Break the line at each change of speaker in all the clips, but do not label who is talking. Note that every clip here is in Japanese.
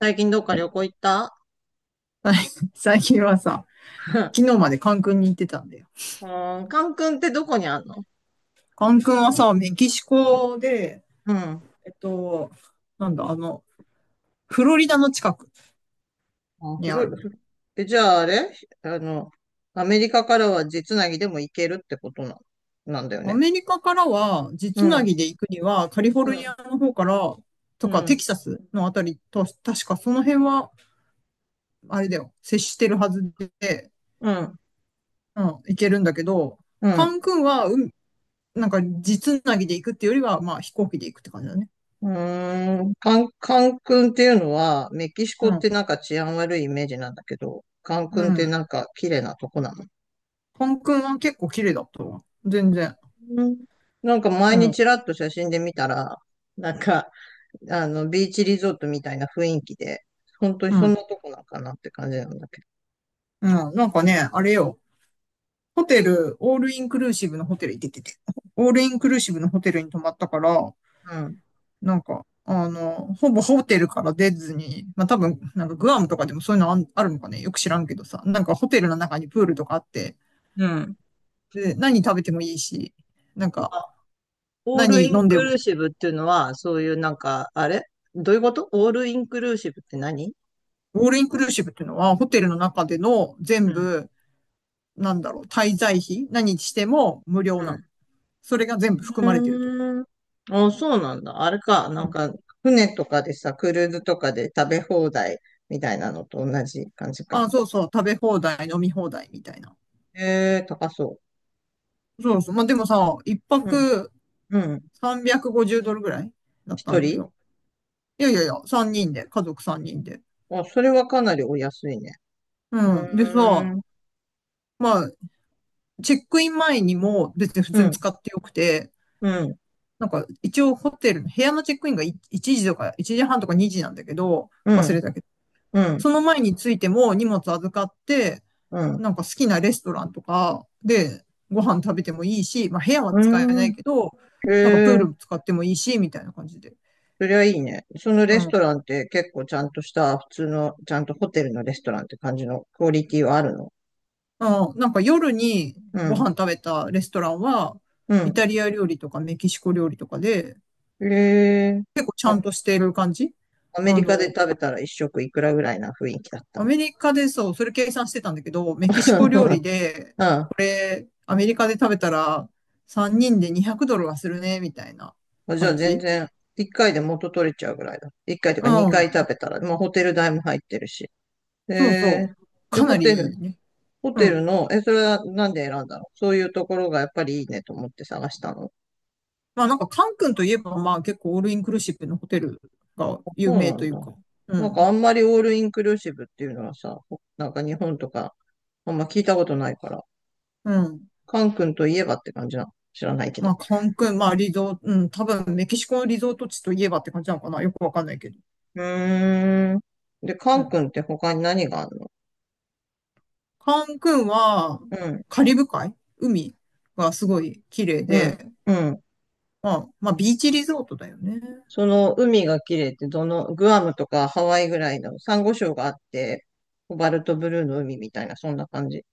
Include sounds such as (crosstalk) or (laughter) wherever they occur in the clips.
最近どっか旅
は
行行った？
い (laughs) 最近はさ、昨日
(laughs)
までカン君に行ってたんだよ。
うん、カン君ってどこにあんの？
カン君はさ、メキシコで、
うん。
えっと、なんだ、あの、フロリダの近く
あ、
に
フ
あ
ロリ、
る。
フ、え、じゃああれ、あの、アメリカからは実なぎでも行けるってことなんだよ
ア
ね。
メリカからは、地
う
つな
ん、
ぎで行くには、カリフォ
う
ルニ
ん、
アの方から、
う
とか、テ
ん、
キサスのあたりと、確かその辺は、あれだよ、接してるはずで、
うん、
うん、行けるんだけど、
う
カ
ん。
ン君は、うん、なんか、地つなぎで行くっていうよりは、まあ、飛行機で行くって感じだね。
うーん、カン君っていうのは、メキシコ
う
っ
ん。
てなんか治安悪いイメージなんだけど、カン
う
君って
ん。
なんか綺麗なとこなの？
カン君は結構綺麗だったわ。全然。
うん。なんか
う
前に
ん。
ちらっと写真で見たら、なんか、ビーチリゾートみたいな雰囲気で、本当に
う
そんな
ん。
とこなんかなって感じなんだけど。
うん。なんかね、あれよ。ホテル、オールインクルーシブのホテル行ってて。オールインクルーシブのホテルに泊まったから、
うん。
なんか、ほぼホテルから出ずに、まあ多分、なんかグアムとかでもそういうのあるのかね、よく知らんけどさ、なんかホテルの中にプールとかあって、
うん。
で、何食べてもいいし、なんか、
あ、オール
何
イ
飲
ン
んで
クル
も、
ーシブっていうのは、そういうなんか、あれ、どういうことオールインクルーシブって何？
オールインクルーシブっていうのは、ホテルの中での
う
全
ん。
部、なんだろう、滞在費、何しても無料
う
なの。
ん。
それが全部含
う
まれてるってこ
ーん。あ、そうなんだ。あれか。
と。
なん
うん。
か、船とかでさ、クルーズとかで食べ放題みたいなのと同じ感じか。
あ、そうそう、食べ放題、飲み放題みたいな。
ええ、高そ
そうそう。まあ、でもさ、一
う。うん。
泊
うん。
350ドルぐらいだった
一
の
人？
よ。いやいやいや、3人で、家族3人で。
あ、それはかなりお安いね。う
うん。でさ、
ーん。
まあ、チェックイン前にも別に普
う
通に
ん。
使ってよくて、
うん。
なんか一応ホテルの部屋のチェックインが1時とか1時半とか2時なんだけど、
う
忘
ん。
れたけど、
うん、
その前についても荷物預かって、
うん。
なんか好きなレストランとかでご飯食べてもいいし、まあ部屋は
う
使えな
ー
い
ん。
けど、
へ
なんかプー
え、
ル使ってもいいし、みたいな感じで。
そりゃいいね。その
う
レス
ん。
トランって結構ちゃんとした、普通の、ちゃんとホテルのレストランって感じのクオリティはあるの？
うん、なんか夜に
う
ご
ん、
飯食べたレストランは、イ
う
タリア料理とかメキシコ料理とかで、
ん。へえ。
結構ちゃ
あ、
んとしている感じ。
アメ
あ
リカで
の、
食べたら一食いくらぐらいな雰囲気だっ
ア
た？
メリカでそう、それ計算してたんだけど、
(laughs)
メキ
そ
シコ
う
料
な
理
ん
で、
だ。
これ、アメリカで食べたら、3人で200ドルはするね、みたいな
うん、じゃあ
感
全
じ。
然、一回で元取れちゃうぐらいだ。一回というか二
うん。
回食べたら、まあホテル代も入ってるし。へ
そうそ
え。
う。
で、
かな
ホ
り
テ
い
ル、
いね。
ホ
う
テル
ん。
の、それはなんで選んだの？そういうところがやっぱりいいねと思って探したの？
まあなんか、カン君といえば、まあ結構オールインクルーシブのホテルが
そ
有
う
名
な
と
ん
いう
だ。
か。う
なんか
ん。
あんまりオールインクルーシブっていうのはさ、なんか日本とかあんま聞いたことないから、
うん。
カン君といえばって感じなの。知らないけ
ま
ど。
あカン君、まあリゾート、うん、多分メキシコのリゾート地といえばって感じなのかな。よくわかんないけど。
うーん。で、カ
う
ン
ん。
君って他に何があるの？
カン君は、
うん、
カリブ海海がすごい綺麗
うん、
で、
うん。
まあビーチリゾートだよね。
その海が綺麗ってどの、グアムとかハワイぐらいのサンゴ礁があって、コバルトブルーの海みたいな、そんな感じ。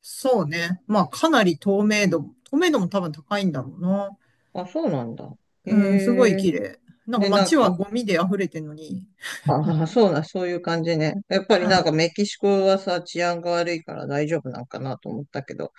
そうね。まあかなり透明度も多分高いんだろうな。
あ、そうなんだ。へ
うん、すごい
え。
綺麗。なんか
で、なん
街は
か、
ゴミで溢れてるのに、
ああ、(laughs) そうだ、そういう感じね。やっぱりなんかメキシコはさ、治安が悪いから大丈夫なんかなと思ったけど。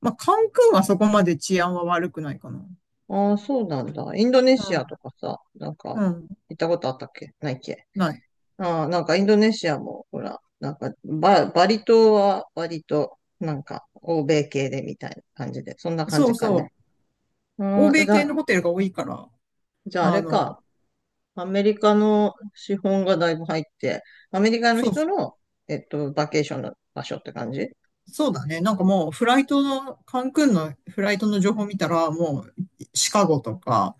まあ、カンクンはそこまで治安は悪くないかな。
ああ、そうなんだ。インドネシ
う
ア
ん。
とかさ、なん
う
か、
ん。
行ったことあったっけないっけ？
ない。
ああ、なんかインドネシアも、ほら、なんかバリ島は割と、なんか、欧米系でみたいな感じで、そんな感
そう
じか
そ
ね。
う。欧
ああ、
米系のホテルが多いから、
じゃああ
あ
れ
の、
か、アメリカの資本がだいぶ入って、アメリカの
そう
人
そう。
の、バケーションの場所って感じ？
そうだね。なんかもう、フライトの、カンクンのフライトの情報見たら、もう、シカゴとか、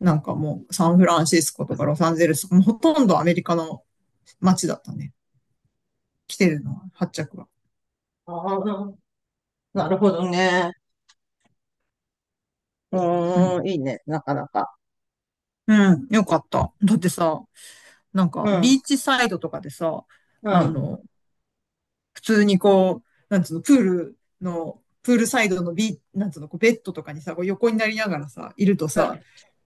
なんかもう、サンフランシスコとかロサンゼルスもうほとんどアメリカの街だったね。来てるのは、発着は。
ああ、なるほどね。う
うん。
ーん、いいね、なかなか。
うん。よかった。だってさ、なんか、
うん、う
ビ
ん、
ーチサイドとかでさ、
う
あ
ん、
の、普通にこう、なんつうの、プールサイドのなんつうの、こうベッドとかにさ、こう横になりながらさ、いるとさ、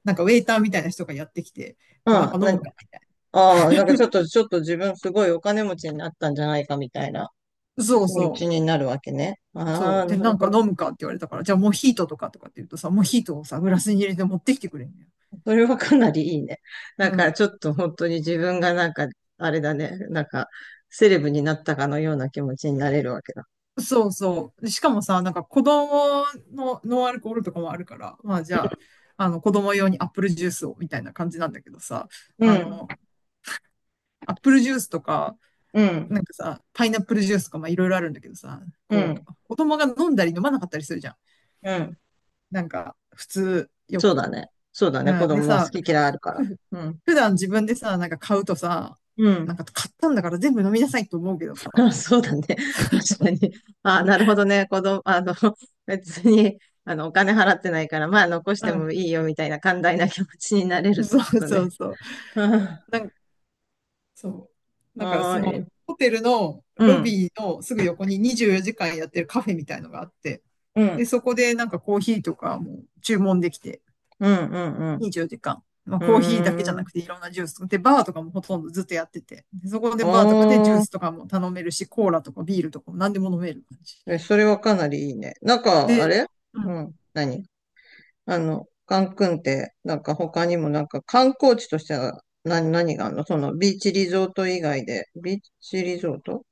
なんかウェイターみたいな人がやってきて、
うん。
こうなん
な
か飲むかみたい
ああ、なんかちょっと自分すごいお金持ちになったんじゃないかみたいな
な。そう
気持ち
そ
になるわけね。
う。
あ
そ
あ、
う。で、
な
な
る
ん
ほ
か
ど。
飲むかって言われたから、じゃあモヒートとかって言うとさ、モヒートをさ、グラスに入れて持ってきてくれんのよ。
それはかなりいいね。
う
なんか
ん。
ちょっと本当に自分がなんか、あれだね、なんか、セレブになったかのような気持ちになれるわけだ。
そうそう。でしかもさ、なんか子供のノンアルコールとかもあるから、まあじゃあ、あの子供用にアップルジュースをみたいな感じなんだけどさ、
う
あ
ん、
の、アップルジュースとか、
うん、
なんかさ、パイナップルジュースとかまあいろいろあるんだけどさ、
う
こ
ん、
う、子供が飲んだり飲まなかったりするじゃん。
うん。
なんか、普通、よ
そう
く。
だね。そうだね。
うん
子
で
供は
さ、
好き嫌いあるから。
ふ
うん、
普段自分でさ、なんか買うとさ、
う
な
ん。
んか買ったんだから全部飲みなさいと思うけどさ、
(laughs) あ、そうだね。(laughs) 確かに。あ、なるほどね。子供、(laughs) 別に、お金払ってないから、まあ、残し
う
て
ん、
もいいよ、みたいな寛大な気持ちになれるっ
そ
て
う
こと
そ
ね。
うそう。なん
(laughs)
か、そう。なんか
あ
そ
あー、
の、
え、
ホテルの
う
ロ
ん、
ビーのすぐ横に24時間やってるカフェみたいのがあって、
うん、
で、そこでなんかコーヒーとかも注文できて、
うん、うん、
24時間。まあ、
う
コーヒーだけ
ん。
じゃ
うー
な
ん。
くていろんなジュース。で、バーとかもほとんどずっとやってて。でそこでバーとかでジュー
お
スと
ー、
かも頼めるし、コーラとかビールとかも何でも飲める感じ。
え、それはかなりいいね。なんか、
で、
あれ、
う
う
ん。
ん、何、カンクンって、なんか他にもなんか観光地としては何があるの、そのビーチリゾート以外で。ビーチリゾート、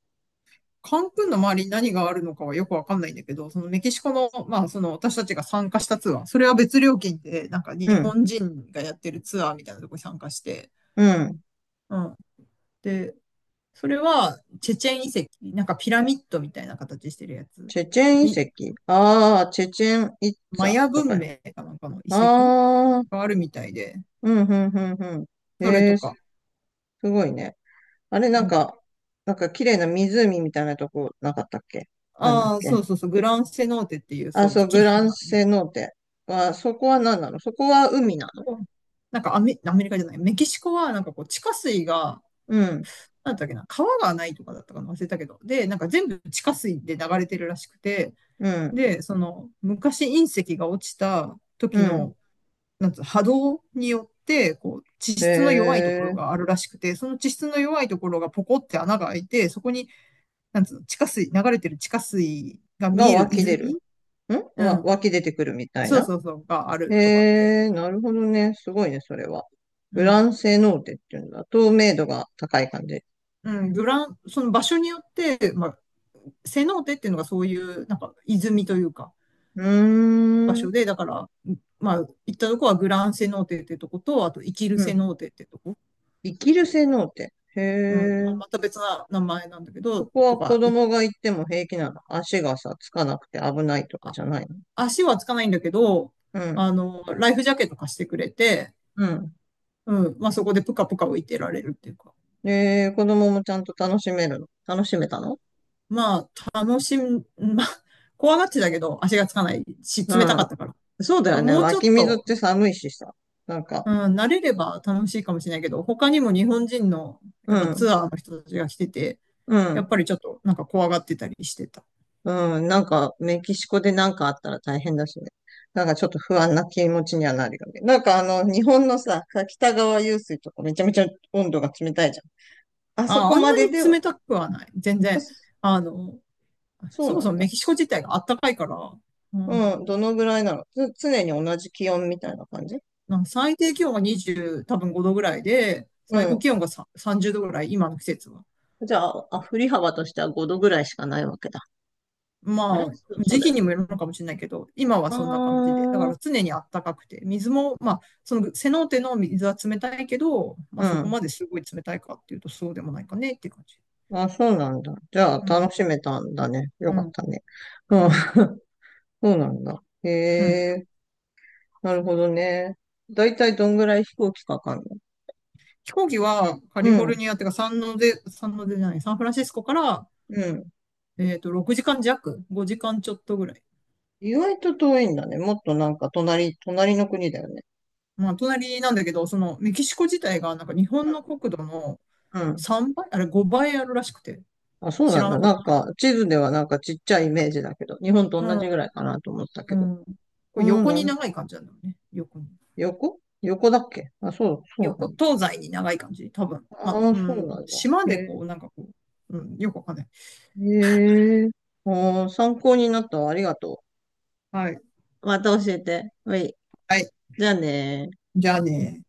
カンクンの周りに何があるのかはよくわかんないんだけど、そのメキシコの、まあその私たちが参加したツアー、それは別料金で、なんか
う
日
ん、
本人がやってるツアーみたいなとこに参加して、
うん。
うん。で、それはチェチェン遺跡、なんかピラミッドみたいな形してるやつ。
チェチェン遺
に
跡。ああ、チェチェンイッツ
マ
ァ
ヤ
と
文
か。
明かなんかの遺跡
ああ、
があるみたいで、
うん、うん、うん、うん。
それ
え
と
え、す
か。
ごいね。あれ、な
う
ん
ん、
か、なんか綺麗な湖みたいなとこなかったっけ？なんだっ
ああ、そ
け？
うそうそう、グランセノーテっていう、
あ、
そう、
そう、
綺
グ
麗
ラン
な、
セノーテ。あ、そこは何なの？そこは海なの？
なんかアメリカじゃない、メキシコはなんかこう、地下水が、
うん、
なんだっけな、川がないとかだったかな、忘れたけど、で、なんか全部地下水で流れてるらしくて、
うん、
で、その、昔隕石が落ちた
う
時
ん。
の、なんつう、波動によって、こう、地
へ
質の弱いところ
え、
があるらしくて、その地質の弱いところがポコって穴が開いて、そこになんつうの、地下水、流れてる地下水が見
が
える
湧き出る。
泉。うん。
湧き出てくるみたい
そう
な。
そうそう、があるとかって。
へえ、なるほどね。すごいね、それは。グ
う
ラ
ん。
ンセノーテっていうんだ。透明度が高い感じ。
うん。グラン、その場所によって、まあ、セノーテっていうのがそういう、なんか、泉というか、
う
場
ー
所
ん。
で、だから、まあ、行ったとこはグランセノーテってとこと、あと、生きる
う
セ
ん。
ノーテってとこ、
生きる性能って。へ
うん、まあ、
え。
また別な名前なんだけ
そ
ど、
こは
と
子
か、
供が行っても平気なの？足がさ、つかなくて危ないとか
あ、
じゃないの？
足はつかないんだけど、
うん。
ライフジャケット貸してくれて、
うん。
うん、まあ、そこでぷかぷか浮いてられるっていうか、
子供もちゃんと楽しめるの？楽しめたの？
まあ、楽しみ、(laughs) まあ、怖がってたけど、足がつかないし、
う
冷たか
ん。
ったから。
そうだ
ま
よ
あ、
ね。
もう
湧
ちょっ
き水っ
と、
て寒いしさ。なんか、
うん、慣れれば楽しいかもしれないけど、他にも日本人の、
う
やっぱツ
ん。
アーの人たちが来てて、
う
やっ
ん。
ぱりちょっとなんか怖がってたりしてた。
うん。なんか、メキシコでなんかあったら大変だしね。なんかちょっと不安な気持ちにはなるよね。なんか日本のさ、北川湧水とかめちゃめちゃ温度が冷たいじゃん。あそ
あ、
こ
あん
ま
な
で
に
では、
冷たくはない。全
あ
然。
そ
あの、
そう
そも
な
そ
ん
も
だ。
メキシコ自体が暖かいから、
う
の、
ん、どのぐらいなの？常に同じ気温みたいな感じ？
なんか最低気温が20、多分5度ぐらいで、
う
最高
ん。
気温がさ30度ぐらい、今の季節は。
じゃあ、あ、振り幅としては5度ぐらいしかないわけだ。あれ、
ま
そ
あ、
う、そう
時
だ
期
よ
に
ね。
もよるのかもしれないけど、今は
あ
そんな感じで、だから
あ、
常にあったかくて、水も、まあ、そのセノーテの水は冷たいけど、ま
う
あ、そこ
ん。
まですごい冷たいかっていうと、そうでもないかねっていう感じ。
あ、そうなんだ。じゃあ、
まあ、
楽しめたんだね。よ
う
かっ
ん、
たね。
う
うん、
ん、
そうなんだ。へ
うん。
え、なるほどね。だいたいどんぐらい飛行機かかんの？
飛行機はカ
う
リフォル
ん、
ニアっていうか、サンノゼ、サンノゼじゃない、サンフランシスコから、
うん。
6時間弱、5時間ちょっとぐらい。
意外と遠いんだね。もっとなんか隣、隣の国だよね。
まあ、隣なんだけど、そのメキシコ自体が、なんか日本
う
の国土の
ん。うん、
3倍、あれ5倍あるらしくて、
あ、そう
知
な
ら
んだ。
なかっ
な
た
ん
けど。
か、地図ではなんかちっちゃいイメージだけど、日本と
う
同
ん。
じぐらいかなと思ったけ
う
ど。
ん。こ
う
れ
ん、
横
なる
に
ほど、
長い感じなんだよね。横に。
横横だっけ？あ、そう、そうな
横、
んだ。
東西に長い感じ。多分。
あ
まあ、
あ、
う
そう
ん。
なんだ。
島で
へ
こう、なんかこう、うん。よくわかんない。
え。へえ。ああ、参考になったわ。ありがと
はい。
う。また教えて。はい。
はい。
じゃあねー
じゃあね。